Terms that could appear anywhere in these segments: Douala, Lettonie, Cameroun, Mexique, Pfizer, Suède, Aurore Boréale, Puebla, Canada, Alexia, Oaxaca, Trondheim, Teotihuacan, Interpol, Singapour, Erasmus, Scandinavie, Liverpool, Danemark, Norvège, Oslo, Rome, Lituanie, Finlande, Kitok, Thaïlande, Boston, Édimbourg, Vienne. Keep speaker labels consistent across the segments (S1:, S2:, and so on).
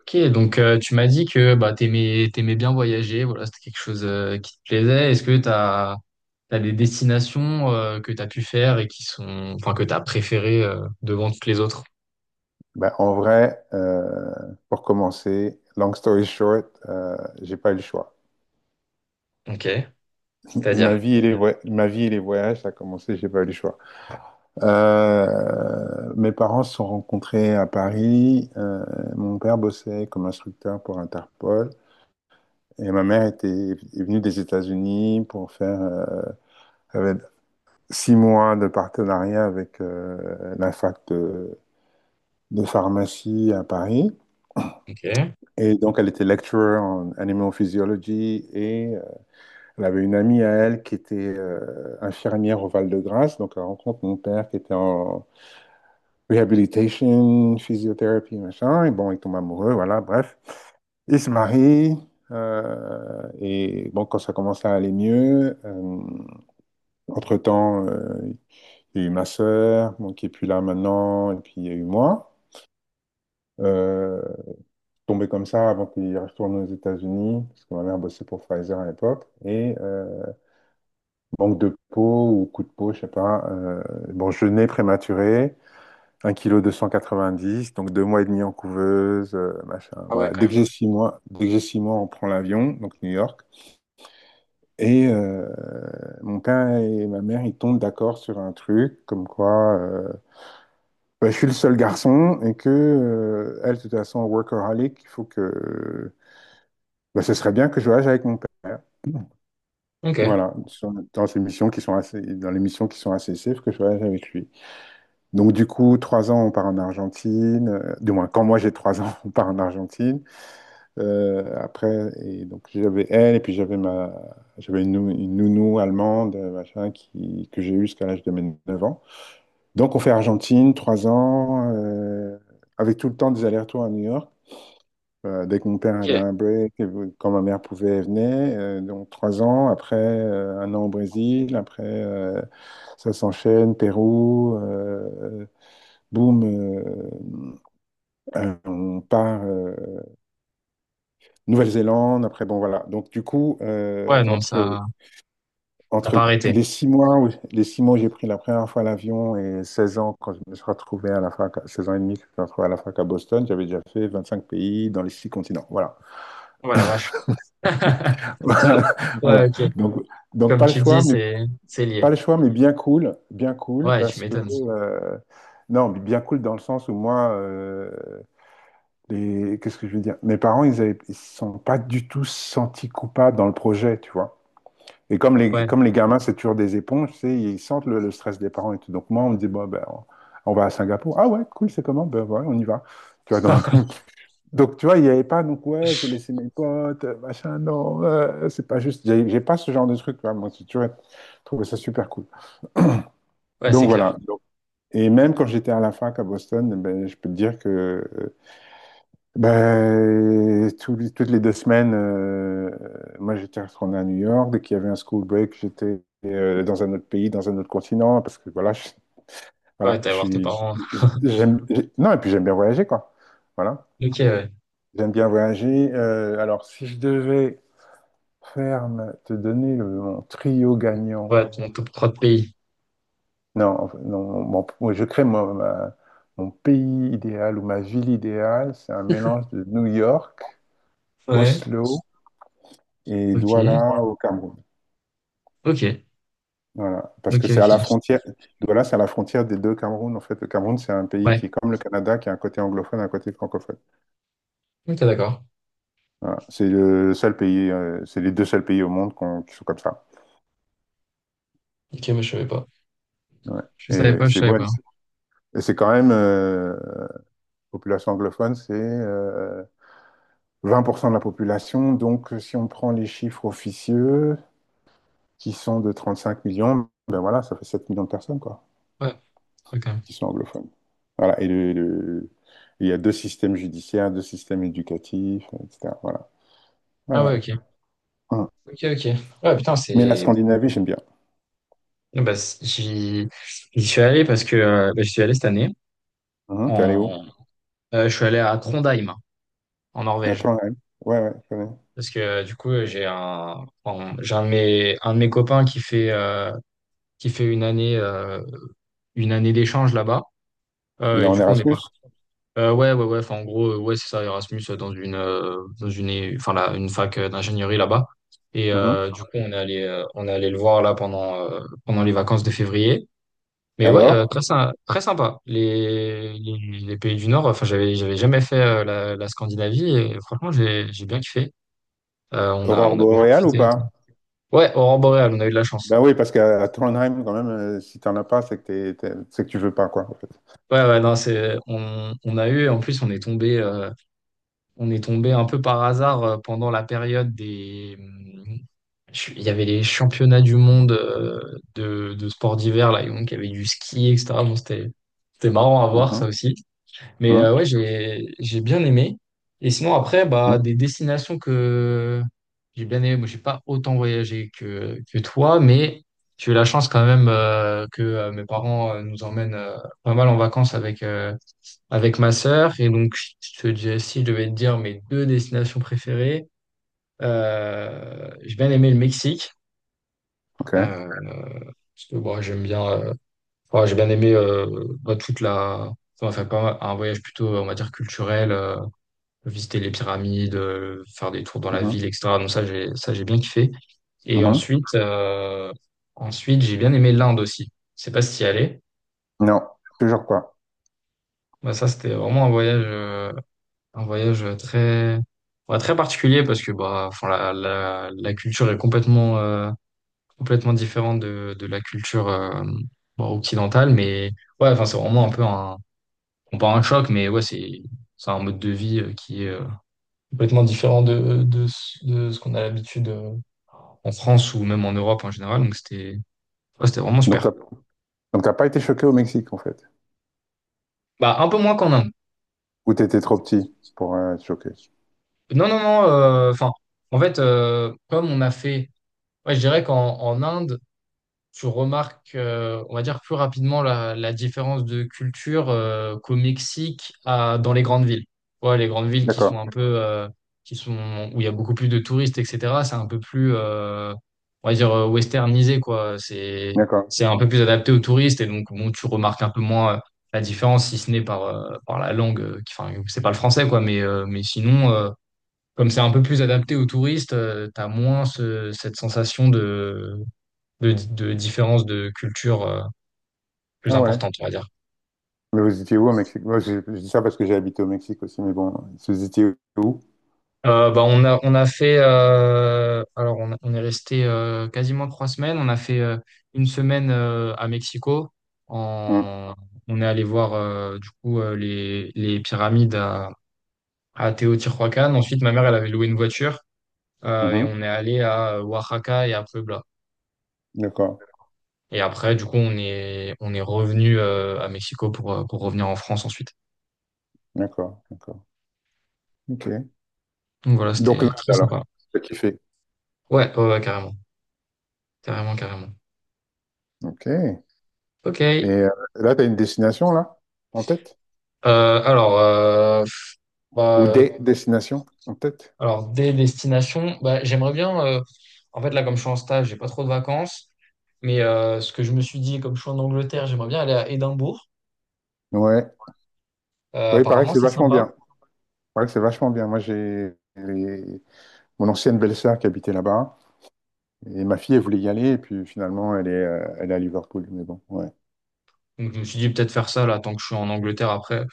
S1: Ok, donc tu m'as dit que t'aimais bien voyager, voilà, c'était quelque chose qui te plaisait. Est-ce que t'as des destinations que t'as pu faire et qui sont, enfin, que t'as préférées devant toutes les autres?
S2: Ben, en vrai, pour commencer, long story short, j'ai pas eu le choix.
S1: Ok,
S2: Ma
S1: c'est-à-dire?
S2: vie et ma vie et les voyages, ça a commencé, j'ai pas eu le choix. Mes parents se sont rencontrés à Paris. Mon père bossait comme instructeur pour Interpol et ma mère était est venue des États-Unis pour faire avec six mois de partenariat avec la fac de pharmacie à Paris.
S1: Ok.
S2: Et donc, elle était lecturer en animal physiology. Et Elle avait une amie à elle qui était infirmière au Val-de-Grâce, donc elle rencontre mon père qui était en rehabilitation, physiothérapie, machin, et bon, ils tombent amoureux, voilà, bref. Ils se marient, et bon, quand ça commence à aller mieux, entre-temps, il y a eu ma sœur, bon, qui est plus là maintenant, et puis il y a eu moi. Euh, Tombé comme ça avant qu'il retourne aux États-Unis, parce que ma mère bossait pour Pfizer à l'époque, et manque de peau ou coup de peau, je sais pas. Bon, je nais prématuré, un kilo deux cent quatre-vingt-dix, donc deux mois et demi en couveuse, machin.
S1: Ah ouais,
S2: Voilà.
S1: quand
S2: Dès que
S1: même.
S2: j'ai six mois, dès que j'ai six mois, on prend l'avion, donc New York. Et mon père et ma mère, ils tombent d'accord sur un truc, comme quoi bah, je suis le seul garçon et que elle, de toute façon, workaholic, il faut que bah, ce serait bien que je voyage avec mon père.
S1: Ok.
S2: Voilà, dans ces missions qui sont assez, dans les missions qui sont assez safe, que je voyage avec lui. Donc du coup, trois ans, on part en Argentine. Du moins, quand moi j'ai trois ans, on part en Argentine. Après, et donc j'avais elle, et puis j'avais une, une nounou allemande, machin, que j'ai eue jusqu'à l'âge de mes 9 ans. Donc on fait Argentine, trois ans, avec tout le temps des allers-retours à New York. Dès que mon père avait
S1: Ok.
S2: un break, et quand ma mère pouvait, elle venait. Donc trois ans, après un an au Brésil, après ça s'enchaîne, Pérou. Boum, euh, on part Nouvelle-Zélande. Après, bon, voilà. Donc, du coup,
S1: Ouais, non, ça, t'as pas
S2: entre
S1: arrêté.
S2: les six mois les six mois où j'ai pris la première fois l'avion et 16 ans, quand je me suis retrouvé à la fac, 16 ans et demi, que je me suis retrouvé à la fac à Boston, j'avais déjà fait 25 pays dans les six continents. Voilà.
S1: Oh la vache. Ouais,
S2: Voilà.
S1: ok.
S2: Donc, donc,
S1: Comme
S2: pas le
S1: tu
S2: choix,
S1: dis,
S2: mais,
S1: c'est
S2: pas
S1: lié.
S2: le choix, mais bien cool. Bien cool
S1: Ouais, tu
S2: parce que.
S1: m'étonnes.
S2: Non, mais bien cool dans le sens où moi, qu'est-ce que je veux dire? Mes parents, ils avaient... ils se sont pas du tout sentis coupables dans le projet, tu vois. Et
S1: Ouais.
S2: comme les gamins, c'est toujours des éponges, tu sais, ils sentent le stress des parents et tout. Donc moi, on me dit, bon, ben, on va à Singapour. Ah ouais, cool, c'est comment? Ben ouais, on y va. Tu vois, donc, donc, tu vois, il n'y avait pas, donc ouais, je vais laisser mes potes, machin, non, c'est pas juste. J'ai pas ce genre de truc, tu vois. Moi, tu vois, je trouvais ça super cool.
S1: Ouais, c'est
S2: Donc
S1: clair.
S2: voilà. Donc, et même quand j'étais à la fac à Boston, ben, je peux te dire que ben, tous toutes les deux semaines, moi j'étais retourné à New York. Dès qu'il y avait un school break, j'étais dans un autre pays, dans un autre continent, parce que
S1: Ouais,
S2: voilà,
S1: t'as à voir tes parents.
S2: j'aime, non, et puis j'aime bien voyager, quoi. Voilà,
S1: Ok, ouais.
S2: j'aime bien voyager. Alors, si je devais te donner mon trio gagnant,
S1: Ouais, ton top 3 de pays.
S2: non, en fait, non, moi, je crée mon pays idéal ou ma ville idéale, c'est un mélange de New York,
S1: Ouais.
S2: Oslo et
S1: Ok.
S2: Douala au Cameroun.
S1: Ok,
S2: Voilà. Parce
S1: ok,
S2: que c'est à
S1: ok.
S2: la frontière, Douala, c'est à la frontière des deux Cameroun. En fait, le Cameroun, c'est un pays
S1: Ouais,
S2: qui est comme le Canada, qui a un côté anglophone et un côté francophone.
S1: ok, d'accord.
S2: Voilà. C'est les deux seuls pays au monde qui sont comme ça.
S1: Ok, mais je savais pas.
S2: Ouais.
S1: Je savais
S2: Et
S1: pas, je
S2: c'est
S1: savais
S2: bon.
S1: pas.
S2: Et c'est quand même, population anglophone, c'est 20% de la population. Donc, si on prend les chiffres officieux, qui sont de 35 millions, ben voilà, ça fait 7 millions de personnes, quoi.
S1: Ouais, ok.
S2: Qui sont anglophones. Voilà. Il y a deux systèmes judiciaires, deux systèmes éducatifs, etc. Voilà.
S1: Ah ouais,
S2: Voilà.
S1: ok.
S2: Hum.
S1: Ok, ok. Ouais, putain,
S2: Mais la
S1: c'est...
S2: Scandinavie, j'aime bien.
S1: Non, bah, j'y suis allé parce que... j'y suis allé cette année.
S2: Mhm. T'es allé où?
S1: En... je suis allé à Trondheim, en
S2: À
S1: Norvège.
S2: Trondheim. Ouais, ouais, je connais.
S1: Parce que du coup, j'ai un de un de mes copains qui qui fait une une année d'échange là-bas.
S2: Il est
S1: Et
S2: en
S1: du coup, on est
S2: Erasmus?
S1: parti. Ouais, ouais, ouais. Enfin, en gros, ouais, c'est ça, Erasmus enfin, une fac d'ingénierie là-bas. Et
S2: Mhm.
S1: du coup, on est allé le voir là pendant les vacances de février. Mais ouais,
S2: Alors, oui.
S1: très sympa. Les pays du Nord. Enfin, j'avais jamais fait la Scandinavie et franchement, j'ai bien kiffé. On a,
S2: Aurore
S1: on a bien
S2: boréale ou
S1: profité.
S2: pas?
S1: Ouais, aurore boréale, on a eu de la
S2: Ben
S1: chance.
S2: oui, parce qu'à à Trondheim, quand même, si t'en as pas, c'est que c'est que tu veux pas, quoi, en fait.
S1: Ouais, ouais, non, c'est, on a eu. En plus, on est tombé un peu par hasard pendant la période des… Il y avait les championnats du monde de sports d'hiver, là, et donc il y avait du ski, etc. Bon, c'était marrant à voir, ça
S2: Mhm.
S1: aussi. Mais
S2: Mhm.
S1: ouais, j'ai bien aimé. Et sinon, après, bah,
S2: Mhm.
S1: des destinations que j'ai bien aimé. Moi, j'ai pas autant voyagé que toi, mais j'ai eu la chance quand même que mes parents nous emmènent pas mal en vacances avec ma sœur. Et donc, je te dis, si je devais te dire mes deux destinations préférées, j'ai bien aimé le Mexique.
S2: OK.
S1: Euh, Parce que bon, j'aime enfin, j'ai bien aimé bah, toute la… Enfin, faire pas un voyage plutôt, on va dire, culturel, visiter les pyramides, faire des tours dans la
S2: Mhm.
S1: ville, etc. Donc ça, j'ai bien kiffé. Et
S2: Mhm.
S1: ensuite, euh, ensuite, j'ai bien aimé l'Inde aussi. Je sais pas si y allais.
S2: Non, toujours pas.
S1: Bah, ça, c'était vraiment un voyage, un ouais, très particulier parce que bah, enfin, la culture est complètement, complètement différent de la culture bon, occidentale, mais ouais, enfin, c'est vraiment un peu un, on pas un choc, mais ouais, c'est un mode de vie qui est complètement différent de ce qu'on a l'habitude en France ou même en Europe en général, donc c'était ouais, c'était vraiment
S2: Donc, t'as
S1: super.
S2: donc t'as pas été choqué au Mexique, en fait.
S1: Bah, un peu moins qu'en Inde.
S2: Ou t'étais trop petit pour être choqué.
S1: Non, non, non, enfin, en fait, comme on a fait, ouais, je dirais qu'en en Inde, on va dire, plus rapidement la différence de culture qu'au Mexique à, dans les grandes villes. Ouais, les grandes villes qui sont
S2: D'accord.
S1: un peu, qui sont, où il y a beaucoup plus de touristes, etc., c'est un peu plus, on va dire, westernisé, quoi.
S2: D'accord.
S1: C'est un peu plus adapté aux touristes et donc, bon, tu remarques un peu moins la différence, si ce n'est par, par la langue, qui, enfin, c'est pas le français, quoi, mais sinon, comme c'est un peu plus adapté aux touristes, tu as moins cette sensation de de différences de culture plus
S2: Ah ouais.
S1: importantes, on va dire.
S2: Mais vous étiez où au Mexique? Moi, je dis ça parce que j'ai habité au Mexique aussi, mais bon, vous étiez où?
S1: Bah, on a fait, alors on est resté quasiment trois semaines. On a fait une semaine à Mexico.
S2: Hum,
S1: En, on est allé voir du coup les pyramides à Teotihuacan. Ensuite, ma mère, elle avait loué une voiture et
S2: mhm.
S1: on est allé à Oaxaca et à Puebla.
S2: D'accord.
S1: Et après, du coup, on est revenu à Mexico pour revenir en France ensuite.
S2: D'accord. D'accord. OK.
S1: Donc voilà,
S2: Donc
S1: c'était
S2: l'Inde,
S1: très
S2: alors,
S1: sympa.
S2: t'as kiffé.
S1: Ouais, ouais, ouais, carrément. Carrément, carrément.
S2: OK.
S1: Ok.
S2: Et là, tu as une destination, là, en tête?
S1: Alors, euh, bah,
S2: Ou
S1: euh,
S2: des destinations en tête?
S1: alors, des destinations, bah, j'aimerais bien. En fait, là, comme je suis en stage, j'ai pas trop de vacances. Mais ce que je me suis dit, comme je suis en Angleterre, j'aimerais bien aller à Édimbourg.
S2: Ouais. Oui, il paraît que
S1: Apparemment,
S2: c'est
S1: c'est
S2: vachement
S1: sympa.
S2: bien. Il paraît que c'est vachement bien. Mon ancienne belle-sœur qui habitait là-bas. Et ma fille, elle voulait y aller, et puis finalement, elle est à Liverpool. Mais bon, ouais.
S1: Donc, je me suis dit peut-être faire ça là, tant que je suis en Angleterre après.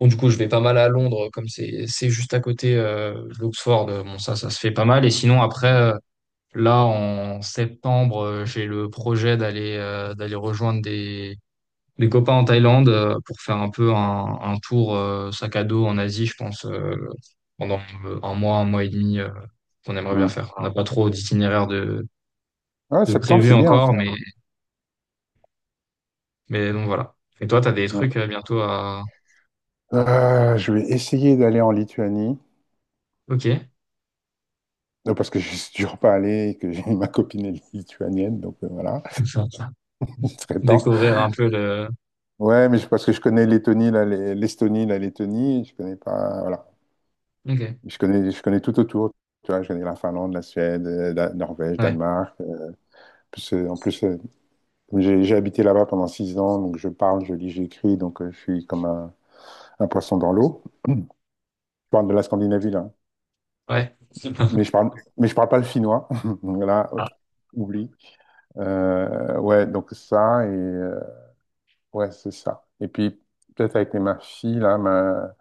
S1: Bon, du coup, je vais pas mal à Londres, comme c'est juste à côté d'Oxford. Bon, ça se fait pas mal. Et sinon, après, là, en septembre, j'ai le projet d'aller d'aller rejoindre des copains en Thaïlande pour faire un peu un tour sac à dos en Asie, je pense, pendant un mois et demi, qu'on aimerait bien
S2: Hum.
S1: faire. On n'a pas trop d'itinéraire
S2: Ouais,
S1: de ouais,
S2: septembre,
S1: prévu
S2: c'est
S1: sympa.
S2: bien
S1: Encore,
S2: aussi.
S1: mais, sympa. Mais donc voilà. Et toi, t'as des trucs
S2: Hein.
S1: bientôt à...
S2: Je vais essayer d'aller en Lituanie.
S1: Ok.
S2: Non, parce que je suis toujours pas allé et que j'ai ma copine est lituanienne, donc voilà, il serait temps.
S1: Découvrir un peu le...
S2: Ouais, mais parce que je connais l'Estonie, la Lettonie, je connais pas, voilà.
S1: Ok.
S2: Je connais tout autour, tu vois, je connais la Finlande, la Suède, la Norvège,
S1: Ouais.
S2: Danemark. En plus, j'ai habité là-bas pendant six ans, donc je parle, je lis, j'écris, donc je suis comme un poisson dans l'eau. Je parle de la Scandinavie, là.
S1: Ouais.
S2: Mais je parle, mais je parle pas le finnois. Voilà,
S1: Ah,
S2: oublie. Ouais, donc ça, et ouais, c'est ça. Et puis, peut-être avec ma fille,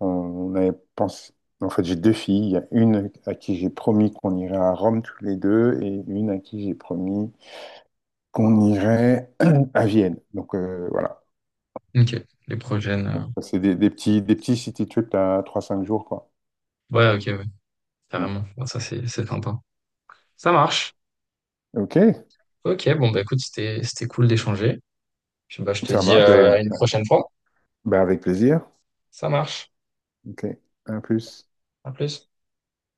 S2: on avait pensé. En fait, j'ai deux filles. Il y a une à qui j'ai promis qu'on irait à Rome tous les deux, et une à qui j'ai promis qu'on irait à Vienne. Donc, voilà.
S1: ok. Les prochaines...
S2: Donc, ça, c'est des petits city trips à trois cinq jours, quoi.
S1: ouais, ok, ouais.
S2: Mm.
S1: Carrément. Bon, ça, c'est sympa. Ça marche.
S2: OK,
S1: Ok, bon, bah écoute, c'était cool d'échanger. Puis bah, je te
S2: ça
S1: dis
S2: marche.
S1: à une prochaine fois.
S2: Ben, avec plaisir.
S1: Ça marche.
S2: OK, à plus.
S1: À plus.